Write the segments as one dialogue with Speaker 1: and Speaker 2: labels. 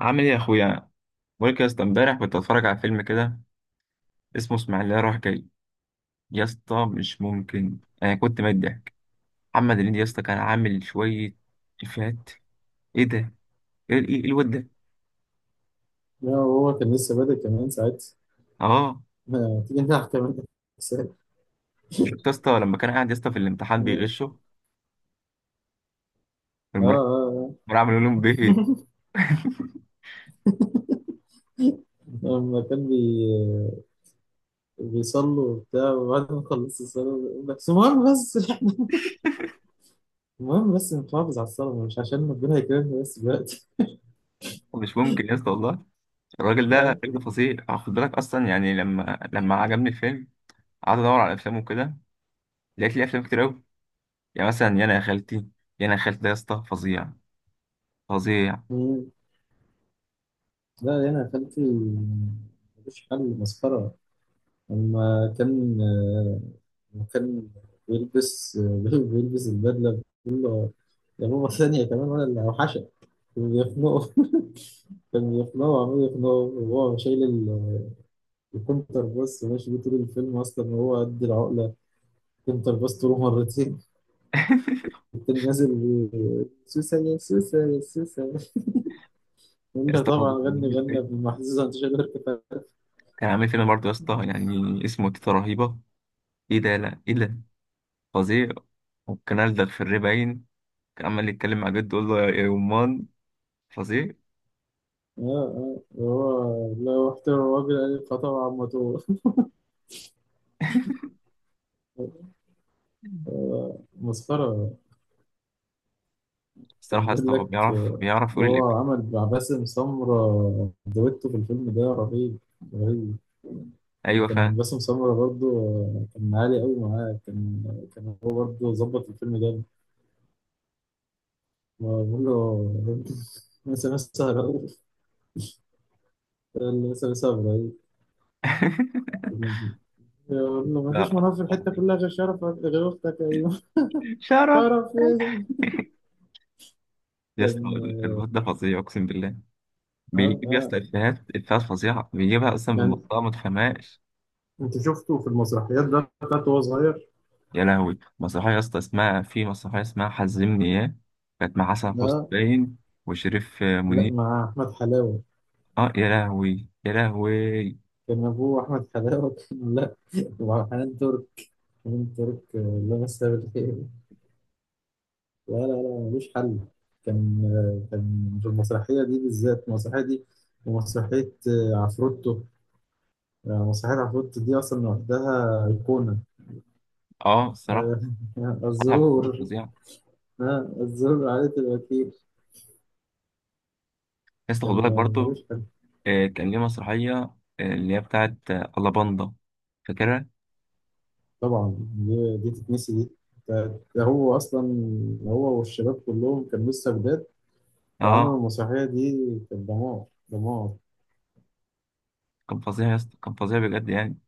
Speaker 1: عامل ايه يا اخويا؟ بقولك يا اسطى، امبارح كنت اتفرج على فيلم كده، اسمه اسماعيليه رايح جاي. يا اسطى مش ممكن، انا كنت ميت ضحك. محمد هنيدي يا اسطى كان عامل شويه افيهات. ايه ده؟ ايه ايه إيه الواد ده؟
Speaker 2: لا، هو كان لسه بادئ كمان ساعتها.
Speaker 1: اه.
Speaker 2: ما تيجي نلعب كمان أحسن.
Speaker 1: شفت يا اسطى لما كان قاعد يا اسطى في الامتحان
Speaker 2: اه
Speaker 1: بيغشه
Speaker 2: اه
Speaker 1: المراقب؟
Speaker 2: آه.
Speaker 1: عامل لهم بيض.
Speaker 2: لما كان بي بيصلوا وبتاع، وبعد ما خلصت الصلاة بيقول لك بس المهم بس المهم بس نحافظ على الصلاة مش عشان ربنا يكرمنا بس دلوقتي.
Speaker 1: مش ممكن يا اسطى والله. الراجل ده
Speaker 2: آه.
Speaker 1: الراجل ده فظيع آه، خد بالك اصلا يعني، لما عجبني الفيلم، قعدت ادور على افلامه كده، لقيت لي افلام كتير قوي. يعني مثلا يانا يا خالتي. يانا يا خالتي ده يا اسطى فظيع. فظيع.
Speaker 2: مم. لا يعني يا خالتي مفيش حل مسخرة. لما كان آه، لما كان بيلبس بيلبس البدلة بتقول له يا ماما ثانية كمان ولا اللي أوحشك وبيخنقه. كان يخلعه عمال يقنعه وهو شايل ال- الكونتر باص ماشي بيه طول الفيلم اصلا وهو قد العقله. كونتر باص طوله مرتين التاني نازل بي- سوسة يا سوسة يا سوسة، يقول
Speaker 1: يا
Speaker 2: لها
Speaker 1: اسطى
Speaker 2: طبعا
Speaker 1: برضه كان
Speaker 2: غني
Speaker 1: عامل
Speaker 2: غنى
Speaker 1: فيلم،
Speaker 2: بالمحزوزة انت شايل اركب اه.
Speaker 1: كان عامل فيلم برضه يا اسطى يعني، اسمه تيتا رهيبة. ايه ده؟ لا، ايه ده؟ فظيع. وكان ألدغ في الري باين، كان عمال يتكلم مع جده يقول له يا يمان. فظيع.
Speaker 2: اه وهو لو احترم الراجل قال لي، فطبعا ما تو- آه، مسخرة. كان
Speaker 1: الصراحة يا
Speaker 2: بيقول
Speaker 1: اسطى هو
Speaker 2: لك
Speaker 1: بيعرف،
Speaker 2: آه،
Speaker 1: بيعرف
Speaker 2: إن
Speaker 1: يقول
Speaker 2: هو
Speaker 1: الإب.
Speaker 2: عمل مع باسم سمرة دويتو في الفيلم ده رهيب رهيب.
Speaker 1: أيوة
Speaker 2: كان
Speaker 1: فعلا.
Speaker 2: باسم سمرة برضه آه، كان عالي قوي معاه كان، كان هو برضه ظبط الفيلم ده. بقول له مثلا لسه، لسه ابراهيم. بقول له ما فيش
Speaker 1: لا.
Speaker 2: مناطق في الحته
Speaker 1: عظيم.
Speaker 2: كلها غير شرف غير اختك ايوه.
Speaker 1: شرف
Speaker 2: شرف ايه؟
Speaker 1: يا اسطى،
Speaker 2: كان
Speaker 1: الواد ده فظيع أقسم بالله.
Speaker 2: اه
Speaker 1: بيجيب يا
Speaker 2: اه
Speaker 1: اسطى إفيهات، إفيهات فظيعة، بيجيبها أصلا من
Speaker 2: يعني.
Speaker 1: منطقة ما تفهمهاش.
Speaker 2: انت شفته في المسرحيات ده بتاعته وهو صغير؟
Speaker 1: يا لهوي مسرحية يا اسطى اسمها، في مسرحية اسمها حزمني اياه، كانت مع حسن حسني
Speaker 2: لا،
Speaker 1: باين وشريف
Speaker 2: لا
Speaker 1: منير.
Speaker 2: مع أحمد حلاوة.
Speaker 1: اه يا لهوي يا لهوي.
Speaker 2: كان أبوه أحمد حلاوة كان لا. ومع حنان ترك. حنان ترك آه، الله يمسها بالخير. لا ملوش حل. كان آه، كان في المسرحية دي بالذات المسرحية دي. ومسرحية آه، عفروتو. آه، مسرحية عفروتو دي أصلا لوحدها أيقونة.
Speaker 1: اه الصراحة،
Speaker 2: آه،
Speaker 1: مسرحية
Speaker 2: الزهور.
Speaker 1: فظيعة.
Speaker 2: آه، الزهور عائلة الوكيل.
Speaker 1: يا اسطى خد
Speaker 2: كان
Speaker 1: بالك
Speaker 2: آه،
Speaker 1: برضه،
Speaker 2: ملوش حل.
Speaker 1: آه كان ليه مسرحية اللي هي بتاعت الله باندا، فاكرها؟
Speaker 2: طبعا دي تتنسي دي. ده هو أصلا هو والشباب كلهم كانوا لسه جداد وعملوا
Speaker 1: اه.
Speaker 2: المسرحية دي. كانت دمار دمار.
Speaker 1: كان فظيع يا اسطى، كان فظيع بجد يعني.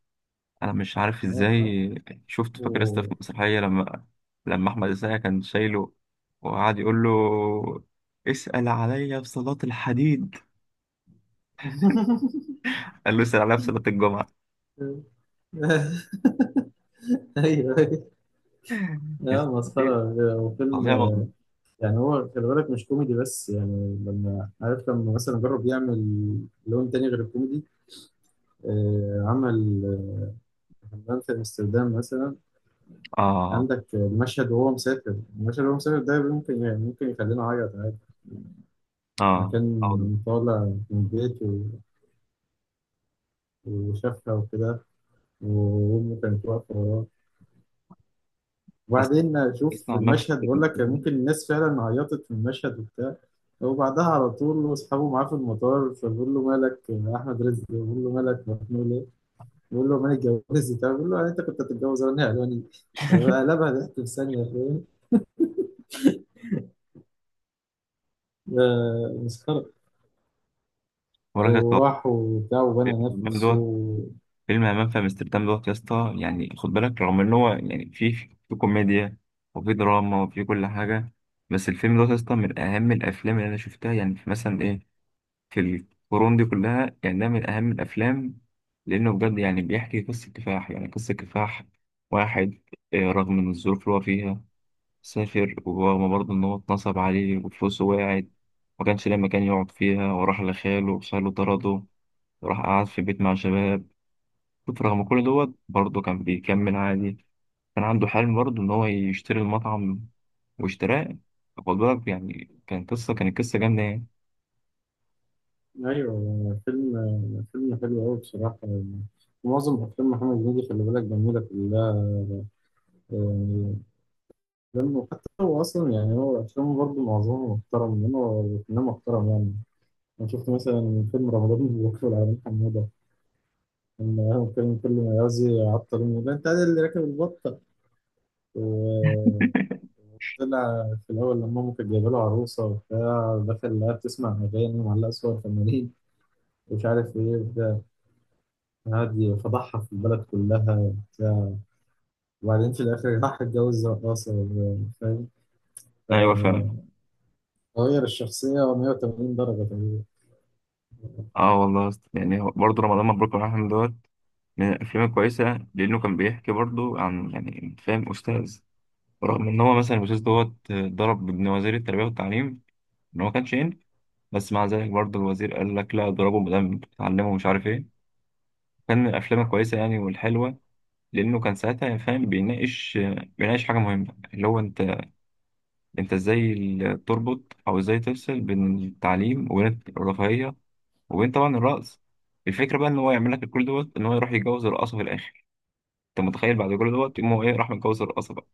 Speaker 1: انا مش عارف
Speaker 2: آه.
Speaker 1: ازاي. شفت، فاكر يا اسطى في
Speaker 2: و...
Speaker 1: المسرحية، لما احمد السقا كان شايله وقعد يقول له، اسأل عليا في صلاة الحديد؟ قال له يسأل عليها في صلاة الجمعة.
Speaker 2: ايوه ايوه. لا
Speaker 1: يس- دي
Speaker 2: مسخرة. هو فيلم
Speaker 1: فظيعة والله.
Speaker 2: يعني، هو خلي بالك مش كوميدي بس، يعني لما عارف لما مثلا جرب يعمل لون تاني غير الكوميدي. آه، عمل آه، حمام في امستردام مثلا.
Speaker 1: آه
Speaker 2: عندك المشهد وهو مسافر، المشهد وهو مسافر ده ممكن يعني ممكن يخلينا اعيط عادي.
Speaker 1: آه آه والله.
Speaker 2: مكان طالع من بيته وشافها وكده، وأمي كانت واقفة وراه.
Speaker 1: بس
Speaker 2: وبعدين أشوف
Speaker 1: اسمع، همام في
Speaker 2: المشهد، بقول لك كان
Speaker 1: امستردام،
Speaker 2: ممكن الناس فعلا عيطت من المشهد وبتاع. وبعدها على طول أصحابه معاه في المطار فبيقول له مالك يا أحمد رزق، بيقول له مالك مخنوق ليه؟ بيقول له مالك اتجوزت وبتاع، بيقول له يعني أنت كنت هتتجوز وأنا ألواني؟ قلبها ضحك في ثانية، فاهم؟ ده مسخرة.
Speaker 1: ولا كده،
Speaker 2: وراح وبتاع وبنى
Speaker 1: همام
Speaker 2: نفسه.
Speaker 1: دوت. فيلم همام في امستردام دوت يا اسطى، يعني خد بالك رغم ان هو يعني فيه في كوميديا وفي دراما وفي كل حاجة، بس الفيلم دوت يا اسطى من أهم الأفلام اللي أنا شفتها، يعني في مثلا إيه، في القرون دي كلها، يعني ده من أهم الأفلام، لأنه بجد يعني بيحكي قصة كفاح، يعني قصة كفاح واحد آه، رغم من الظروف اللي هو فيها سافر، ورغم برضه إن هو اتنصب عليه وفلوسه وقعت، ما كانش ليه مكان يقعد فيها، وراح لخاله وخاله طرده، وراح قعد في بيت مع شباب. شوف رغم كل دوت برضه كان بيكمل عادي، كان عنده حلم برضه إن هو يشتري المطعم، واشتراه. خد بالك يعني، كانت قصة جامدة يعني.
Speaker 2: أيوه فيلم، فيلم حلو أوي بصراحة يعني. معظم أفلام محمد هنيدي خلي بالك جميلة كلها يعني. لأنه حتى هو أصلا يعني هو أفلامه برضه معظمها محترم لأنه فنان محترم يعني. أنا شفت مثلا من فيلم رمضان مبروك والعالمين حمودة لما هو كان كل ما يعوز يعطل يقول له، أنت عادل اللي راكب البطة. وطلع في الأول لما أمه كانت جايبة له عروسة وبتاع، دخل لقاها بتسمع أغاني ومعلقة صور فنانين ومش عارف إيه وبتاع، قعد يفضحها في البلد كلها وبتاع. وبعدين في الآخر راح اتجوز رقاصة، فاهم؟
Speaker 1: أيوة فعلا.
Speaker 2: فغير الشخصية 180 درجة تقريبا.
Speaker 1: اه والله يا اسطى. يعني هو برضه رمضان مبروك الرحمن دوت من الأفلام الكويسة، لأنه كان بيحكي برضه عن، يعني فاهم، أستاذ، رغم إن هو مثلا الأستاذ دوت ضرب ابن وزير التربية والتعليم، ان هو كان شين، بس مع ذلك برضه الوزير قال لك لا، اضربه ما دام بتعلمه، مش عارف ايه. كان من الافلام الكويسه يعني والحلوه، لانه كان ساعتها يعني فاهم، بيناقش حاجه مهمه، اللي هو انت ازاي تربط او ازاي تفصل بين التعليم وبين الرفاهيه، وبين طبعا الرقص. الفكره بقى ان هو يعمل لك كل دوت، ان هو يروح يتجوز الرقاصه في الاخر. انت متخيل بعد كل دوت يقوم هو ايه، راح متجوز الرقاصه بقى.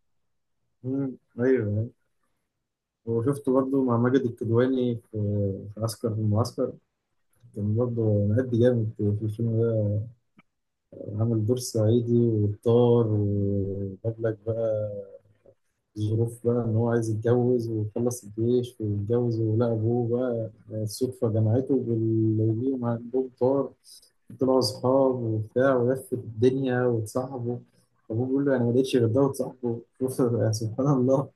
Speaker 2: مم. ايوه. وشفته برضه مع ماجد الكدواني في، في عسكر في المعسكر. كان برضه مأدي جامد في الفيلم ده. عامل دور صعيدي والطار، وجاب لك بقى الظروف بقى ان هو عايز يتجوز ويخلص الجيش ويتجوز، ولقى ابوه بقى الصدفة جمعته باللي ليهم عندهم طار. طلعوا اصحاب وبتاع ولفت الدنيا واتصاحبوا. ابوه بيقول له انا ما لقيتش غير ده وتصاحبه. شوف، سبحان الله.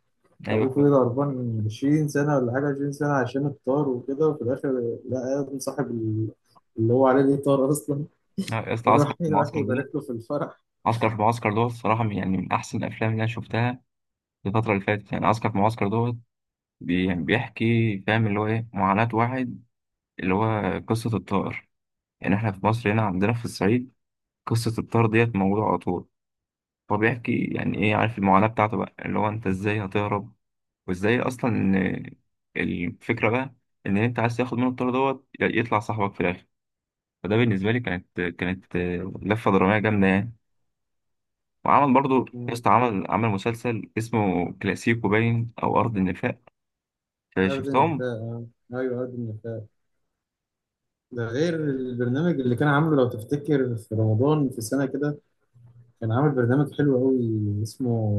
Speaker 1: ايوه
Speaker 2: ابوه فضل
Speaker 1: فاهم.
Speaker 2: هربان 20 سنه ولا حاجه، 20 سنه عشان الطار وكده، وفي الاخر لقى ابن اللي هو عليه دي طار اصلا.
Speaker 1: لا، يا اسطى عسكر
Speaker 2: وراح
Speaker 1: في
Speaker 2: راح
Speaker 1: المعسكر
Speaker 2: يبارك
Speaker 1: ده،
Speaker 2: له في الفرح.
Speaker 1: عسكر في المعسكر دوت الصراحه، يعني من احسن الافلام اللي انا شفتها الفترة اللي فاتت، يعني عسكر في المعسكر دوت بيحكي فاهم اللي هو ايه معاناة واحد، اللي هو قصة الطائر. يعني احنا في مصر هنا، عندنا في الصعيد قصة الطائر ديت موجودة على طول. هو بيحكي يعني ايه، عارف المعاناة بتاعته بقى، اللي هو انت ازاي هتهرب وازاي اصلا إن، الفكرة بقى ان انت عايز تاخد منه الطائر دوت، يطلع صاحبك في الاخر. فده بالنسبة لي كانت لفة درامية جامدة يعني. وعمل برضه
Speaker 2: مم.
Speaker 1: يسطا، عمل مسلسل اسمه كلاسيكو باين او ارض النفاق. آه،
Speaker 2: أرض
Speaker 1: شفتهم.
Speaker 2: النفاق آه. أيوه أرض النفاق. ده غير البرنامج اللي كان عامله لو تفتكر في رمضان في سنة كده. كان عامل برنامج حلو أوي اسمه،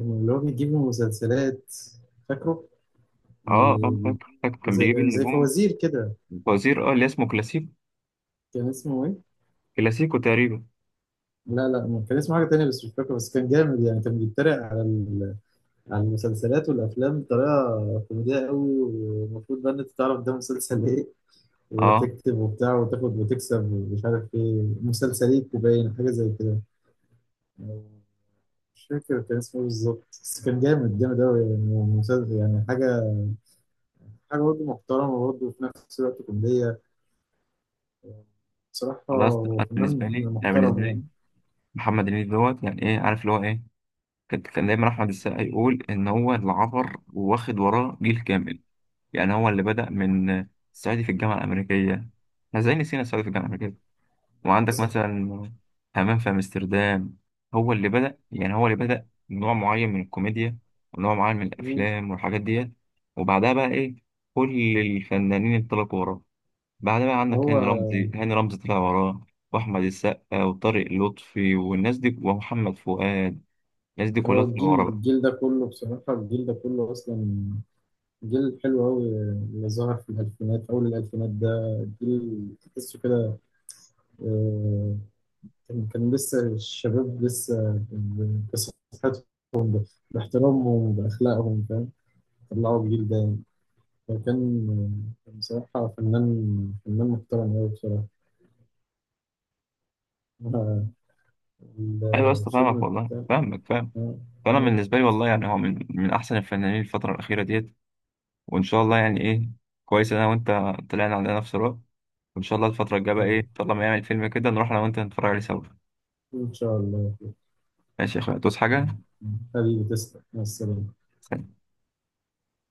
Speaker 2: اللي هو بيجيب مسلسلات، فاكره؟
Speaker 1: اه آه،
Speaker 2: آه،
Speaker 1: فاكر كان بيجيب
Speaker 2: زي
Speaker 1: النجوم،
Speaker 2: فوازير كده.
Speaker 1: فوزير اه اللي اسمه كلاسيكو.
Speaker 2: كان اسمه إيه؟
Speaker 1: كلاسيكو تقريبا.
Speaker 2: لا لا، كان اسمه حاجة تانية بس مش فاكر، بس كان جامد يعني. كان بيتريق على ال- على المسلسلات والأفلام بطريقة كوميدية قوي، والمفروض بقى إن أنت تعرف ده مسلسل إيه
Speaker 1: اه.
Speaker 2: وتكتب وبتاع وتاخد وتكسب ومش عارف إيه مسلسليك وباين حاجة زي كده. مش فاكر كان اسمه إيه بالظبط بس كان جامد جامد أوي يعني. مسلسل يعني حاجة، حاجة برضه محترمة برضه وفي نفس الوقت كوميدية. بصراحة
Speaker 1: خلاص
Speaker 2: هو
Speaker 1: انا بالنسبه
Speaker 2: فنان
Speaker 1: لي، انا بالنسبه
Speaker 2: محترم يعني.
Speaker 1: لي محمد هنيدي دوت يعني ايه، عارف اللي هو ايه، كان دايما احمد السقا يقول ان هو اللي عبر واخد وراه جيل كامل. يعني هو اللي بدأ من الصعيدي في الجامعه الامريكيه. احنا ازاي نسينا الصعيدي في الجامعه الامريكيه؟ وعندك
Speaker 2: مثلا
Speaker 1: مثلا همام في امستردام. هو اللي بدأ يعني، هو اللي بدأ نوع معين من الكوميديا ونوع معين من الافلام والحاجات ديت. وبعدها بقى ايه، كل الفنانين انطلقوا وراه. بعد بقى عندك
Speaker 2: هو
Speaker 1: هاني رمزي، هاني رمزي طلع وراه، واحمد السقا وطارق لطفي والناس دي ومحمد فؤاد، الناس دي كلها
Speaker 2: هو
Speaker 1: طلع
Speaker 2: الجيل،
Speaker 1: وراه بقى.
Speaker 2: الجيل ده كله بصراحة الجيل ده كله أصلا جيل حلو أوي. اللي ظهر في الألفينات، أول الألفينات ده، جيل تحسه كده. آه، كان كان لسه الشباب لسه ب- بصحتهم، ب- باحترامهم بأخلاقهم، فاهم؟ طلعوا الجيل ده يعني. فكان آه، كان بصراحة فنان، فنان محترم أوي بصراحة. آه،
Speaker 1: ايوه يا اسطى فاهمك
Speaker 2: الفيلم
Speaker 1: والله،
Speaker 2: بتاع
Speaker 1: فاهمك فاهم.
Speaker 2: آه،
Speaker 1: فانا بالنسبه لي والله يعني هو من احسن الفنانين الفتره الاخيره ديت. وان شاء الله يعني ايه، كويس انا وانت طلعنا على نفس الوقت، وان شاء الله الفتره الجايه بقى
Speaker 2: آه،
Speaker 1: ايه، ان شاء الله ما يعمل فيلم كده نروح انا وانت نتفرج عليه سوا.
Speaker 2: إن شاء الله آه،
Speaker 1: ماشي يا اخويا، توس حاجه.
Speaker 2: آه، حبيبي تسلم مع السلامة.